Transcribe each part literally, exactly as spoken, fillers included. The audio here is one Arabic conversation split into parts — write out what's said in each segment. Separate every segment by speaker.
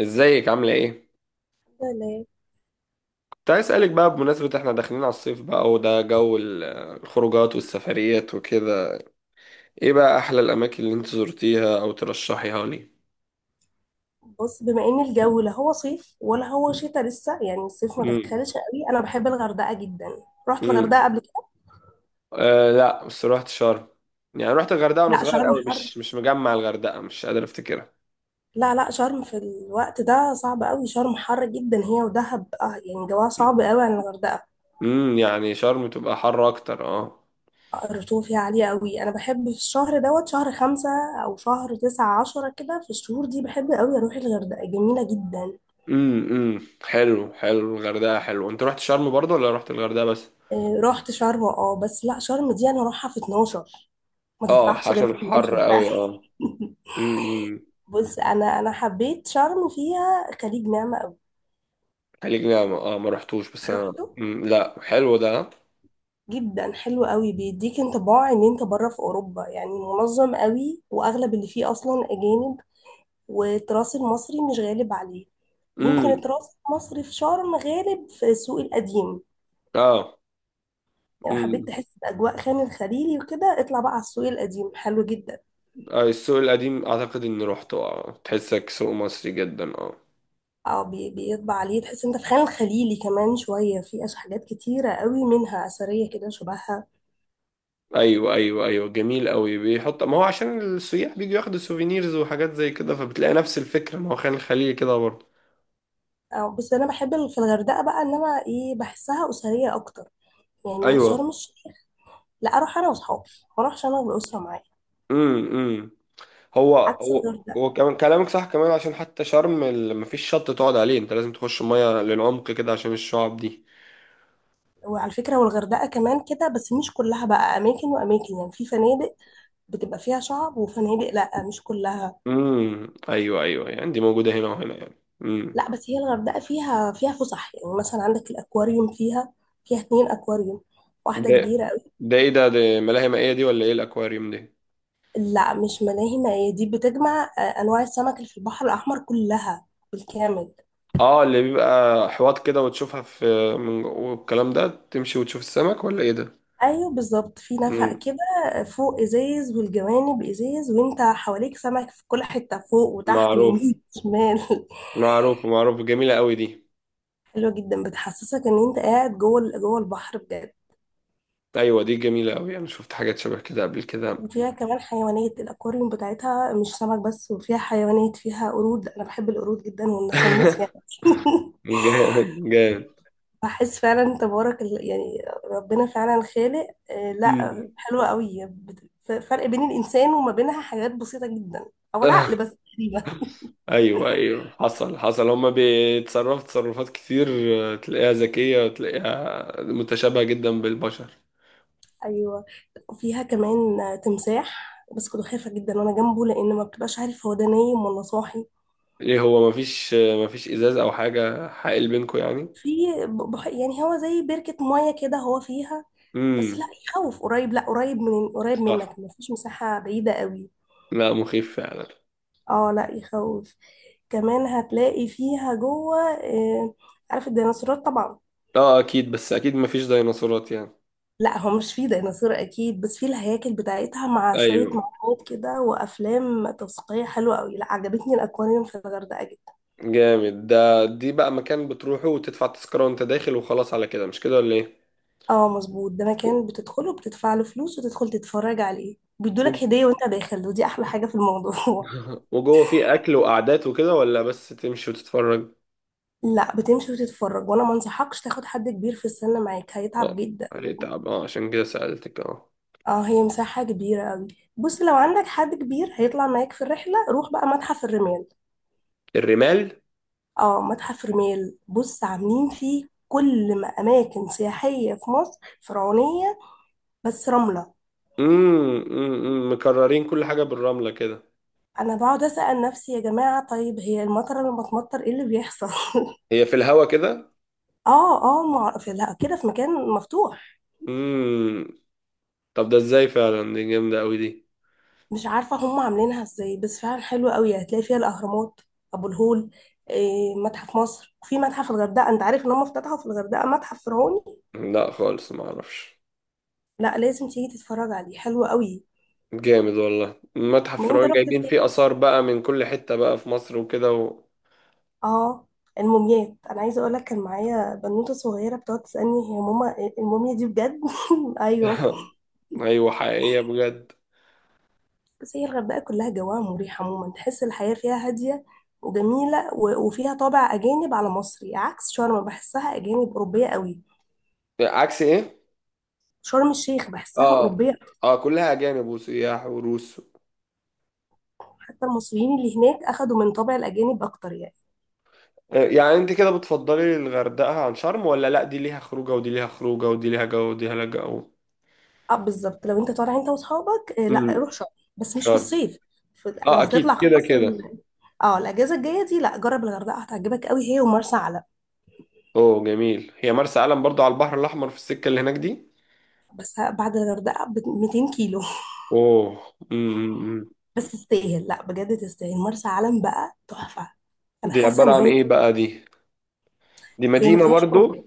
Speaker 1: ازيك عاملة ايه؟
Speaker 2: لا لا
Speaker 1: كنت عايز اسألك بقى، بمناسبة احنا داخلين على الصيف بقى وده جو ال- الخروجات والسفريات وكده، ايه بقى احلى الاماكن اللي انت زرتيها او ترشحيها لي؟
Speaker 2: بص، بما ان الجو لا هو صيف ولا هو شتاء لسه، يعني الصيف ما
Speaker 1: امم،
Speaker 2: دخلش قوي. انا بحب الغردقه جدا. رحت
Speaker 1: امم.
Speaker 2: الغردقه قبل كده.
Speaker 1: آه، لا بس روحت شرم. يعني روحت الغردقة وانا
Speaker 2: لا
Speaker 1: صغير
Speaker 2: شرم
Speaker 1: قوي،
Speaker 2: حر.
Speaker 1: مش مش مجمع الغردقة، مش قادر افتكرها.
Speaker 2: لا لا شرم في الوقت ده صعب قوي. شرم حر جدا هي ودهب، اه يعني جواها صعب قوي عن الغردقه.
Speaker 1: امم يعني شرم تبقى حر اكتر، اه.
Speaker 2: الرطوبه فيها عاليه قوي. انا بحب في الشهر دوت شهر خمسة او شهر تسعة، عشرة كده. في الشهور دي بحب قوي اروح الغردقه، جميله جدا.
Speaker 1: امم، امم. حلو، حلو، الغردقة حلو. انت روحت شرم برضه ولا روحت الغردقة بس؟
Speaker 2: آه، رحت شرم، اه بس لا، شرم دي انا اروحها في اتناشر. ما
Speaker 1: اه،
Speaker 2: تطرحش غير في
Speaker 1: عشان حر
Speaker 2: اثنا عشر فعلا.
Speaker 1: قوي، اه. امم.
Speaker 2: بص، انا انا حبيت شرم فيها خليج نعمة قوي.
Speaker 1: خليج، لا ما- اه، ما رحتوش. بس انا
Speaker 2: رحته،
Speaker 1: مم، لا، حلو ده.
Speaker 2: جدا حلو قوي. بيديك انطباع ان انت بره في اوروبا، يعني منظم قوي واغلب اللي فيه اصلا اجانب، والتراث المصري مش غالب عليه. يمكن
Speaker 1: امم.
Speaker 2: التراث المصري في شرم غالب في السوق القديم، يعني
Speaker 1: اه.
Speaker 2: لو حبيت
Speaker 1: امم.
Speaker 2: تحس باجواء خان الخليلي وكده اطلع بقى على السوق القديم، حلو جدا.
Speaker 1: آه، السوق القديم اعتقد اني روحته، اه، تحسك سوق مصري جدا، اه.
Speaker 2: اه بي- بيطبع عليه، تحس انت في خان الخليلي كمان شويه. في أش- حاجات كتيره قوي منها اثريه كده شبهها.
Speaker 1: ايوه، ايوه، ايوه، جميل قوي. بيحط ما هو عشان السياح بيجوا ياخدوا سوفينيرز وحاجات زي كده، فبتلاقي نفس الفكره، ما هو خان الخليل كده برضه.
Speaker 2: أو بس انا بحب ال- في الغردقه بقى ان انا ايه، بحسها اسريه اكتر، يعني شرم
Speaker 1: ايوه.
Speaker 2: الشيخ لا اروح انا واصحابي، ما اروحش انا والاسره معايا،
Speaker 1: امم، امم. هو
Speaker 2: عكس
Speaker 1: هو
Speaker 2: الغردقه.
Speaker 1: هو كمان كلامك صح، كمان عشان حتى شرم ما فيش شط تقعد عليه، انت لازم تخش ميه للعمق كده عشان الشعب دي.
Speaker 2: وعلى فكره والغردقه كمان كده، بس مش كلها بقى، اماكن واماكن، يعني في فنادق بتبقى فيها شعب، وفنادق لا مش كلها.
Speaker 1: امم، ايوه، ايوه، يعني دي موجوده هنا وهنا يعني. امم.
Speaker 2: لا بس هي الغردقه فيها فيها فسح، يعني مثلا عندك الاكواريوم فيها. فيها اتنين اكواريوم، واحده
Speaker 1: ده،
Speaker 2: كبيره قوي.
Speaker 1: ده ايه ده؟ ده ملاهي مائيه دي ولا ايه الاكواريوم دي؟
Speaker 2: لا مش ملاهي، ما هي دي بتجمع آه، انواع السمك اللي في البحر الاحمر كلها بالكامل.
Speaker 1: اه اللي بيبقى حواض كده وتشوفها في، من جوه والكلام ده، تمشي وتشوف السمك ولا ايه ده؟
Speaker 2: ايوه بالظبط، في نفق
Speaker 1: امم.
Speaker 2: كده فوق ازاز والجوانب ازاز وانت حواليك سمك في كل حته، فوق وتحت
Speaker 1: معروف،
Speaker 2: ويمين وشمال.
Speaker 1: معروف، معروف، جميله قوي دي.
Speaker 2: حلوه جدا، بتحسسك ان انت قاعد جوه ال- جوه البحر بجد.
Speaker 1: ايوه دي جميله قوي، انا شفت حاجات شبه كده قبل كده.
Speaker 2: وفيها كمان حيوانات الاكواريوم بتاعتها، مش سمك بس، وفيها حيوانات، فيها قرود. انا بحب القرود جدا والنسانيس يعني.
Speaker 1: جامد، جامد.
Speaker 2: بحس فعلا تبارك ال- يعني، ربنا فعلا خالق. آه،
Speaker 1: مم.
Speaker 2: لا حلوه قوي. بت- ف- فرق بين الانسان وما بينها حاجات بسيطه جدا، او العقل بس تقريبا.
Speaker 1: ايوه، ايوه، حصل، حصل، هما بيتصرفوا تصرفات كتير. آه، تلاقيها ذكية وتلاقيها متشابهة جدا بالبشر.
Speaker 2: ايوه وفيها كمان تمساح، بس كنت خايفه جدا وانا جنبه، لان ما بتبقاش عارف هو ده نايم ولا صاحي.
Speaker 1: ايه، هو مفيش آه، مفيش ازاز او حاجة حائل بينكو يعني؟
Speaker 2: في. بح- يعني هو زي بركه ميه كده هو فيها. بس لا
Speaker 1: امم.
Speaker 2: يخوف، قريب لا قريب، من قريب
Speaker 1: صح.
Speaker 2: منك، ما فيش مساحه بعيده قوي.
Speaker 1: لا، مخيف فعلا.
Speaker 2: اه لا يخوف. كمان هتلاقي فيها جوه، آه، عارف الديناصورات طبعا.
Speaker 1: اه اكيد، بس اكيد مفيش ديناصورات يعني.
Speaker 2: لا هو مش فيه ديناصور اكيد، بس فيه الهياكل بتاعتها مع شويه
Speaker 1: ايوه.
Speaker 2: معلومات كده وافلام توثيقيه حلوه قوي. لا عجبتني الاكواريوم في الغردقه جدا.
Speaker 1: جامد. ده دي بقى مكان بتروحه وتدفع تذكرة وانت داخل وخلاص، على كده مش كده ولا ايه؟
Speaker 2: اه مظبوط، ده
Speaker 1: و-
Speaker 2: مكان بتدخله بتدفع له فلوس وتدخل تتفرج عليه،
Speaker 1: و-
Speaker 2: بيدولك هدية وانت داخل، ودي احلى حاجة في الموضوع.
Speaker 1: وجوه فيه اكل وقعدات وكده، ولا بس تمشي وتتفرج؟
Speaker 2: لا بتمشي وتتفرج. وانا ما انصحكش تاخد حد كبير في السن معاك، هيتعب
Speaker 1: اه.
Speaker 2: جدا.
Speaker 1: هيتعب، اه، عشان كده سألتك، اه.
Speaker 2: اه هي مساحة كبيرة قوي. بص لو عندك حد كبير هيطلع معاك في الرحلة، روح بقى متحف الرمال.
Speaker 1: الرمال.
Speaker 2: اه متحف الرمال، بص عاملين فيه كل ما اماكن سياحية في مصر فرعونية بس رملة.
Speaker 1: امم. أمم، مكررين كل حاجة بالرملة كده.
Speaker 2: انا بقعد اسأل نفسي يا جماعة، طيب هي المطر لما تمطر ايه اللي بيحصل؟
Speaker 1: هي في الهوا كده.
Speaker 2: اه اه مع... في، لا كده في مكان مفتوح.
Speaker 1: امم. طب ده ازاي فعلا، دي جامدة قوي دي.
Speaker 2: مش عارفة هم عاملينها ازاي، بس فعلا حلوة قوي، هتلاقي فيها الأهرامات، أبو الهول، إيه، متحف مصر. وفي متحف الغردقة، انت عارف ان هم افتتحوا في الغردقة متحف فرعوني؟
Speaker 1: لا خالص، ما اعرفش.
Speaker 2: لا لازم تيجي تتفرج عليه، حلو قوي.
Speaker 1: جامد والله، متحف
Speaker 2: ما انت
Speaker 1: فرعون
Speaker 2: رحت
Speaker 1: جايبين
Speaker 2: فين.
Speaker 1: فيه آثار بقى من كل حتة بقى في مصر وكده و...
Speaker 2: اه. الموميات، انا عايزه اقول لك، كان معايا بنوته صغيره بتقعد تسالني هي ماما آه، الموميا دي بجد؟ ايوه.
Speaker 1: ايوه، حقيقية بجد.
Speaker 2: بس هي الغردقة كلها جواها مريح عموما، تحس الحياة فيها هادية وجميلة، و- وفيها طابع أجانب على مصري، عكس شرم بحسها أجانب أوروبية قوي.
Speaker 1: عكس ايه؟
Speaker 2: شرم الشيخ بحسها
Speaker 1: اه،
Speaker 2: أوروبية أكتر،
Speaker 1: اه، كلها اجانب وسياح وروس.
Speaker 2: حتى المصريين اللي هناك أخدوا من طابع الأجانب أكتر يعني.
Speaker 1: آه، يعني انت كده بتفضلي الغردقة عن شرم، ولا لا، دي ليها خروجة ودي ليها خروجة، ودي ليها جو ودي ليها جو؟
Speaker 2: أه بالظبط، لو أنت طالع أنت وأصحابك آه، لا
Speaker 1: امم.
Speaker 2: روح شرم، بس مش في
Speaker 1: شرم.
Speaker 2: الصيف. في- لو
Speaker 1: اه
Speaker 2: هتطلع
Speaker 1: اكيد، كده
Speaker 2: خلاص ال...
Speaker 1: كده.
Speaker 2: اه الأجازة الجاية دي لا جرب الغردقة، هتعجبك قوي، هي ومرسى علم.
Speaker 1: اوه جميل. هي مرسى علم برضو على البحر الاحمر، في السكه اللي هناك دي؟
Speaker 2: بس بعد الغردقة ب ميتين كيلو.
Speaker 1: اوه. امم.
Speaker 2: بس تستاهل، لا بجد تستاهل مرسى علم بقى تحفة. انا
Speaker 1: دي
Speaker 2: حاسة
Speaker 1: عباره
Speaker 2: ان
Speaker 1: عن
Speaker 2: هي،
Speaker 1: ايه بقى دي؟ دي
Speaker 2: هي ما
Speaker 1: مدينه
Speaker 2: فيهاش
Speaker 1: برضو؟
Speaker 2: خروجات.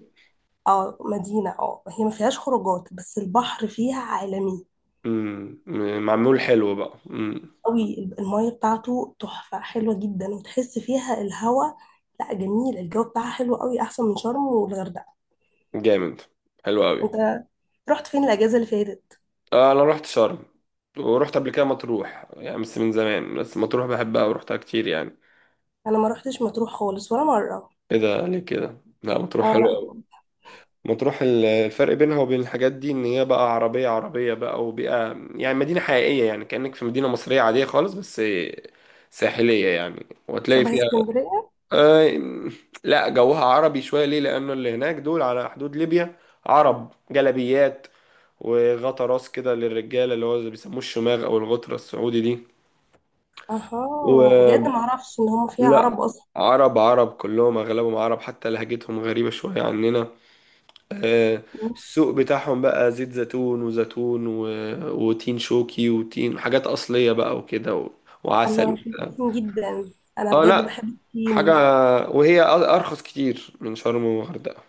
Speaker 2: اه مدينة، اه هي ما فيهاش خروجات، بس البحر فيها عالمي
Speaker 1: امم. معمول حلو بقى، امم.
Speaker 2: قوي. المية بتاعته تحفة حلوة جدا، وتحس فيها الهواء. لا جميل، الجو بتاعها حلو قوي، احسن من شرم والغردقة.
Speaker 1: جامد. حلو قوي.
Speaker 2: انت رحت فين الاجازة اللي فاتت؟
Speaker 1: آه، انا رحت شرم. ورحت قبل كده مطروح، يعني بس من زمان، بس مطروح بحبها ورحتها كتير يعني.
Speaker 2: انا ما رحتش مطروح خالص ولا مرة.
Speaker 1: ايه ده، ليه كده؟ لا مطروح
Speaker 2: اه
Speaker 1: حلو.
Speaker 2: لا هو
Speaker 1: مطروح ال- الفرق بينها وبين الحاجات دي، ان هي بقى عربية، عربية بقى، وبقى يعني مدينة حقيقية يعني، كأنك في مدينة مصرية عادية خالص، بس ساحلية يعني، وهتلاقي
Speaker 2: شبه
Speaker 1: فيها.
Speaker 2: اسكندرية.
Speaker 1: آه. لا جوها عربي شوية، ليه؟ لأنه اللي هناك دول على حدود ليبيا. عرب، جلابيات، وغطا راس كده للرجالة اللي هو اللي بيسموه الشماغ أو الغترة السعودي دي.
Speaker 2: اها بجد
Speaker 1: ولا.
Speaker 2: ما اعرفش ان هم فيها عرب
Speaker 1: عرب، عرب، كلهم أغلبهم عرب، حتى لهجتهم غريبة شوية عننا. آه،
Speaker 2: اصلا.
Speaker 1: السوق بتاعهم بقى زيت زيتون وزيتون و... وتين شوكي وتين، حاجات أصلية بقى وكده و... وعسل
Speaker 2: الله، بحب
Speaker 1: وبتاع.
Speaker 2: الصين جدا، انا
Speaker 1: اه.
Speaker 2: بجد
Speaker 1: لا
Speaker 2: بحب
Speaker 1: حاجة.
Speaker 2: الصين.
Speaker 1: وهي أ- أرخص كتير من شرم والغردقة.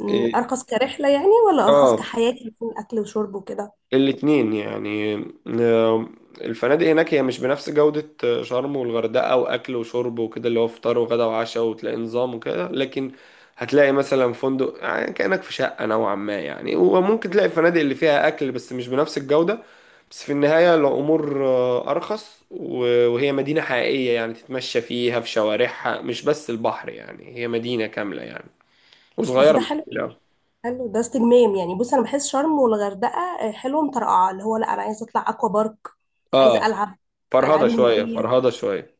Speaker 2: أمم،
Speaker 1: إيه.
Speaker 2: ارخص كرحله يعني ولا ارخص
Speaker 1: اه.
Speaker 2: كحياه يكون اكل وشرب وكده؟
Speaker 1: الاتنين يعني. آه. الفنادق هناك هي مش بنفس جودة آه، شرم والغردقة، وأكل وشرب وكده اللي هو فطار وغدا وعشاء وتلاقي نظام وكده، لكن هتلاقي مثلا فندق آه، يعني كأنك في شقة نوعا ما يعني، وممكن تلاقي الفنادق اللي فيها أكل بس مش بنفس الجودة. بس في النهاية الأمور آه، أرخص، و- وهي مدينة حقيقية يعني، تتمشى فيها في شوارعها، مش بس البحر يعني، هي مدينة كاملة يعني،
Speaker 2: بس
Speaker 1: وصغيرة
Speaker 2: ده
Speaker 1: مش
Speaker 2: حلو،
Speaker 1: كبيرة أوي.
Speaker 2: حلو ده استجمام. يعني بص انا بحس شرم والغردقه آه، حلوه مطرقعه، اللي هو لا انا عايزه اطلع اكوا بارك، عايزه
Speaker 1: اه.
Speaker 2: العب
Speaker 1: فرهضة
Speaker 2: الالعاب
Speaker 1: شوية،
Speaker 2: المائيه.
Speaker 1: فرهضة شوية.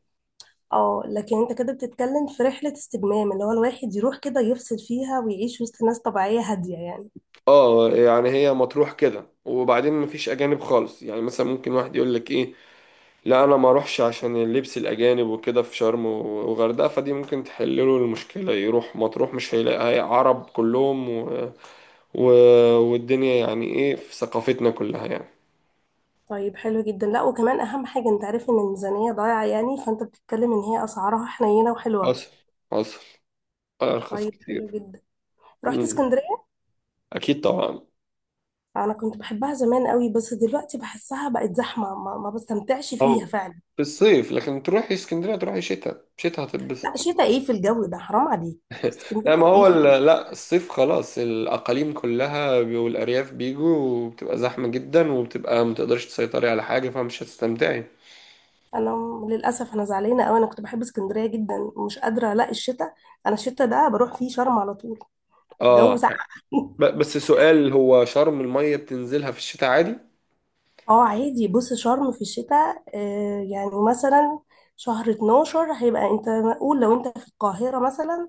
Speaker 2: اه لكن انت كده بتتكلم في رحله استجمام، اللي هو الواحد يروح كده يفصل فيها ويعيش وسط ناس طبيعيه هاديه يعني.
Speaker 1: اه يعني هي مطروح كده، وبعدين مفيش اجانب خالص يعني، مثلا ممكن واحد يقول لك ايه، لا انا ما اروحش عشان اللبس الاجانب وكده في شرم وغردقه، فدي ممكن تحل له المشكله، يروح مطروح مش هيلاقي عرب كلهم و... و... والدنيا يعني ايه في ثقافتنا كلها يعني.
Speaker 2: طيب حلو جدا، لا وكمان اهم حاجه، انت عارف ان الميزانيه ضايعه يعني، فانت بتتكلم ان هي اسعارها حنينه وحلوه.
Speaker 1: حصل، حصل. ارخص
Speaker 2: طيب حلو
Speaker 1: كتير.
Speaker 2: جدا. رحت
Speaker 1: امم.
Speaker 2: اسكندرية.
Speaker 1: اكيد طبعا.
Speaker 2: انا كنت بحبها زمان قوي، بس دلوقتي بحسها بقت زحمة، ما, ما بستمتعش فيها
Speaker 1: اه،
Speaker 2: فعلا.
Speaker 1: في الصيف، لكن تروحي اسكندريه تروحي شتاء، شتاء
Speaker 2: لا
Speaker 1: هتتبسط.
Speaker 2: شتا ايه في الجو ده، حرام عليك.
Speaker 1: لا ما
Speaker 2: اسكندرية ايه
Speaker 1: هو
Speaker 2: في الجو.
Speaker 1: ال- لا الصيف خلاص، الأقاليم كلها بي- والأرياف بيجوا، وبتبقى زحمة جدا، وبتبقى متقدرش تسيطري على حاجة، فمش هتستمتعي.
Speaker 2: انا م- للاسف انا زعلانة قوي، انا كنت بحب اسكندرية جدا ومش قادرة الاقي الشتا. انا الشتا ده بروح فيه شرم على طول. الجو
Speaker 1: اه.
Speaker 2: ساقع.
Speaker 1: ب- بس سؤال، هو شرم المية بتنزلها في الشتاء عادي؟
Speaker 2: اه عادي، بص شرم في الشتاء آه، يعني مثلا شهر اتناشر هيبقى انت، قول لو انت في القاهرة مثلا،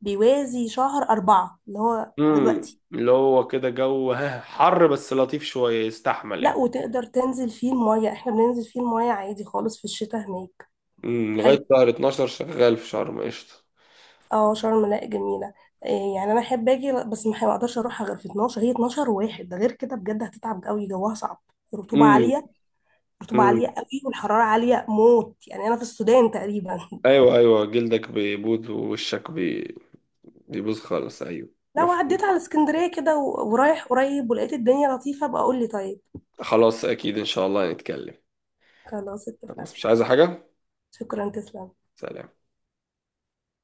Speaker 2: بيوازي شهر أربعة اللي هو
Speaker 1: امم،
Speaker 2: دلوقتي.
Speaker 1: اللي هو كده جو ها حر بس لطيف شوية، يستحمل
Speaker 2: لا
Speaker 1: يعني.
Speaker 2: وتقدر تنزل فيه المية، احنا بننزل فيه المية عادي خالص في الشتاء هناك.
Speaker 1: امم.
Speaker 2: حلو.
Speaker 1: لغاية شهر اثنا عشر شغال في شرم قشطة.
Speaker 2: اه شرم لا جميلة، إيه يعني. انا احب اجي بس ما اقدرش اروحها غير في اتناشر. هي اتناشر واحد، ده غير كده بجد هتتعب قوي جواها صعب. الرطوبة
Speaker 1: امم،
Speaker 2: عالية. الرطوبة
Speaker 1: امم.
Speaker 2: عالية قوي والحرارة عالية موت، يعني انا في السودان تقريبا.
Speaker 1: ايوه، ايوه، جلدك بيبوظ ووشك بي... بيبوظ خالص، ايوه.
Speaker 2: لو عديت
Speaker 1: مفهوم.
Speaker 2: على اسكندرية كده و- ورايح قريب ولقيت الدنيا لطيفة بقى قول لي. طيب
Speaker 1: خلاص، اكيد ان شاء الله نتكلم.
Speaker 2: خلاص اتفقنا.
Speaker 1: خلاص مش عايزة حاجة.
Speaker 2: شكرا، تسلم.
Speaker 1: سلام.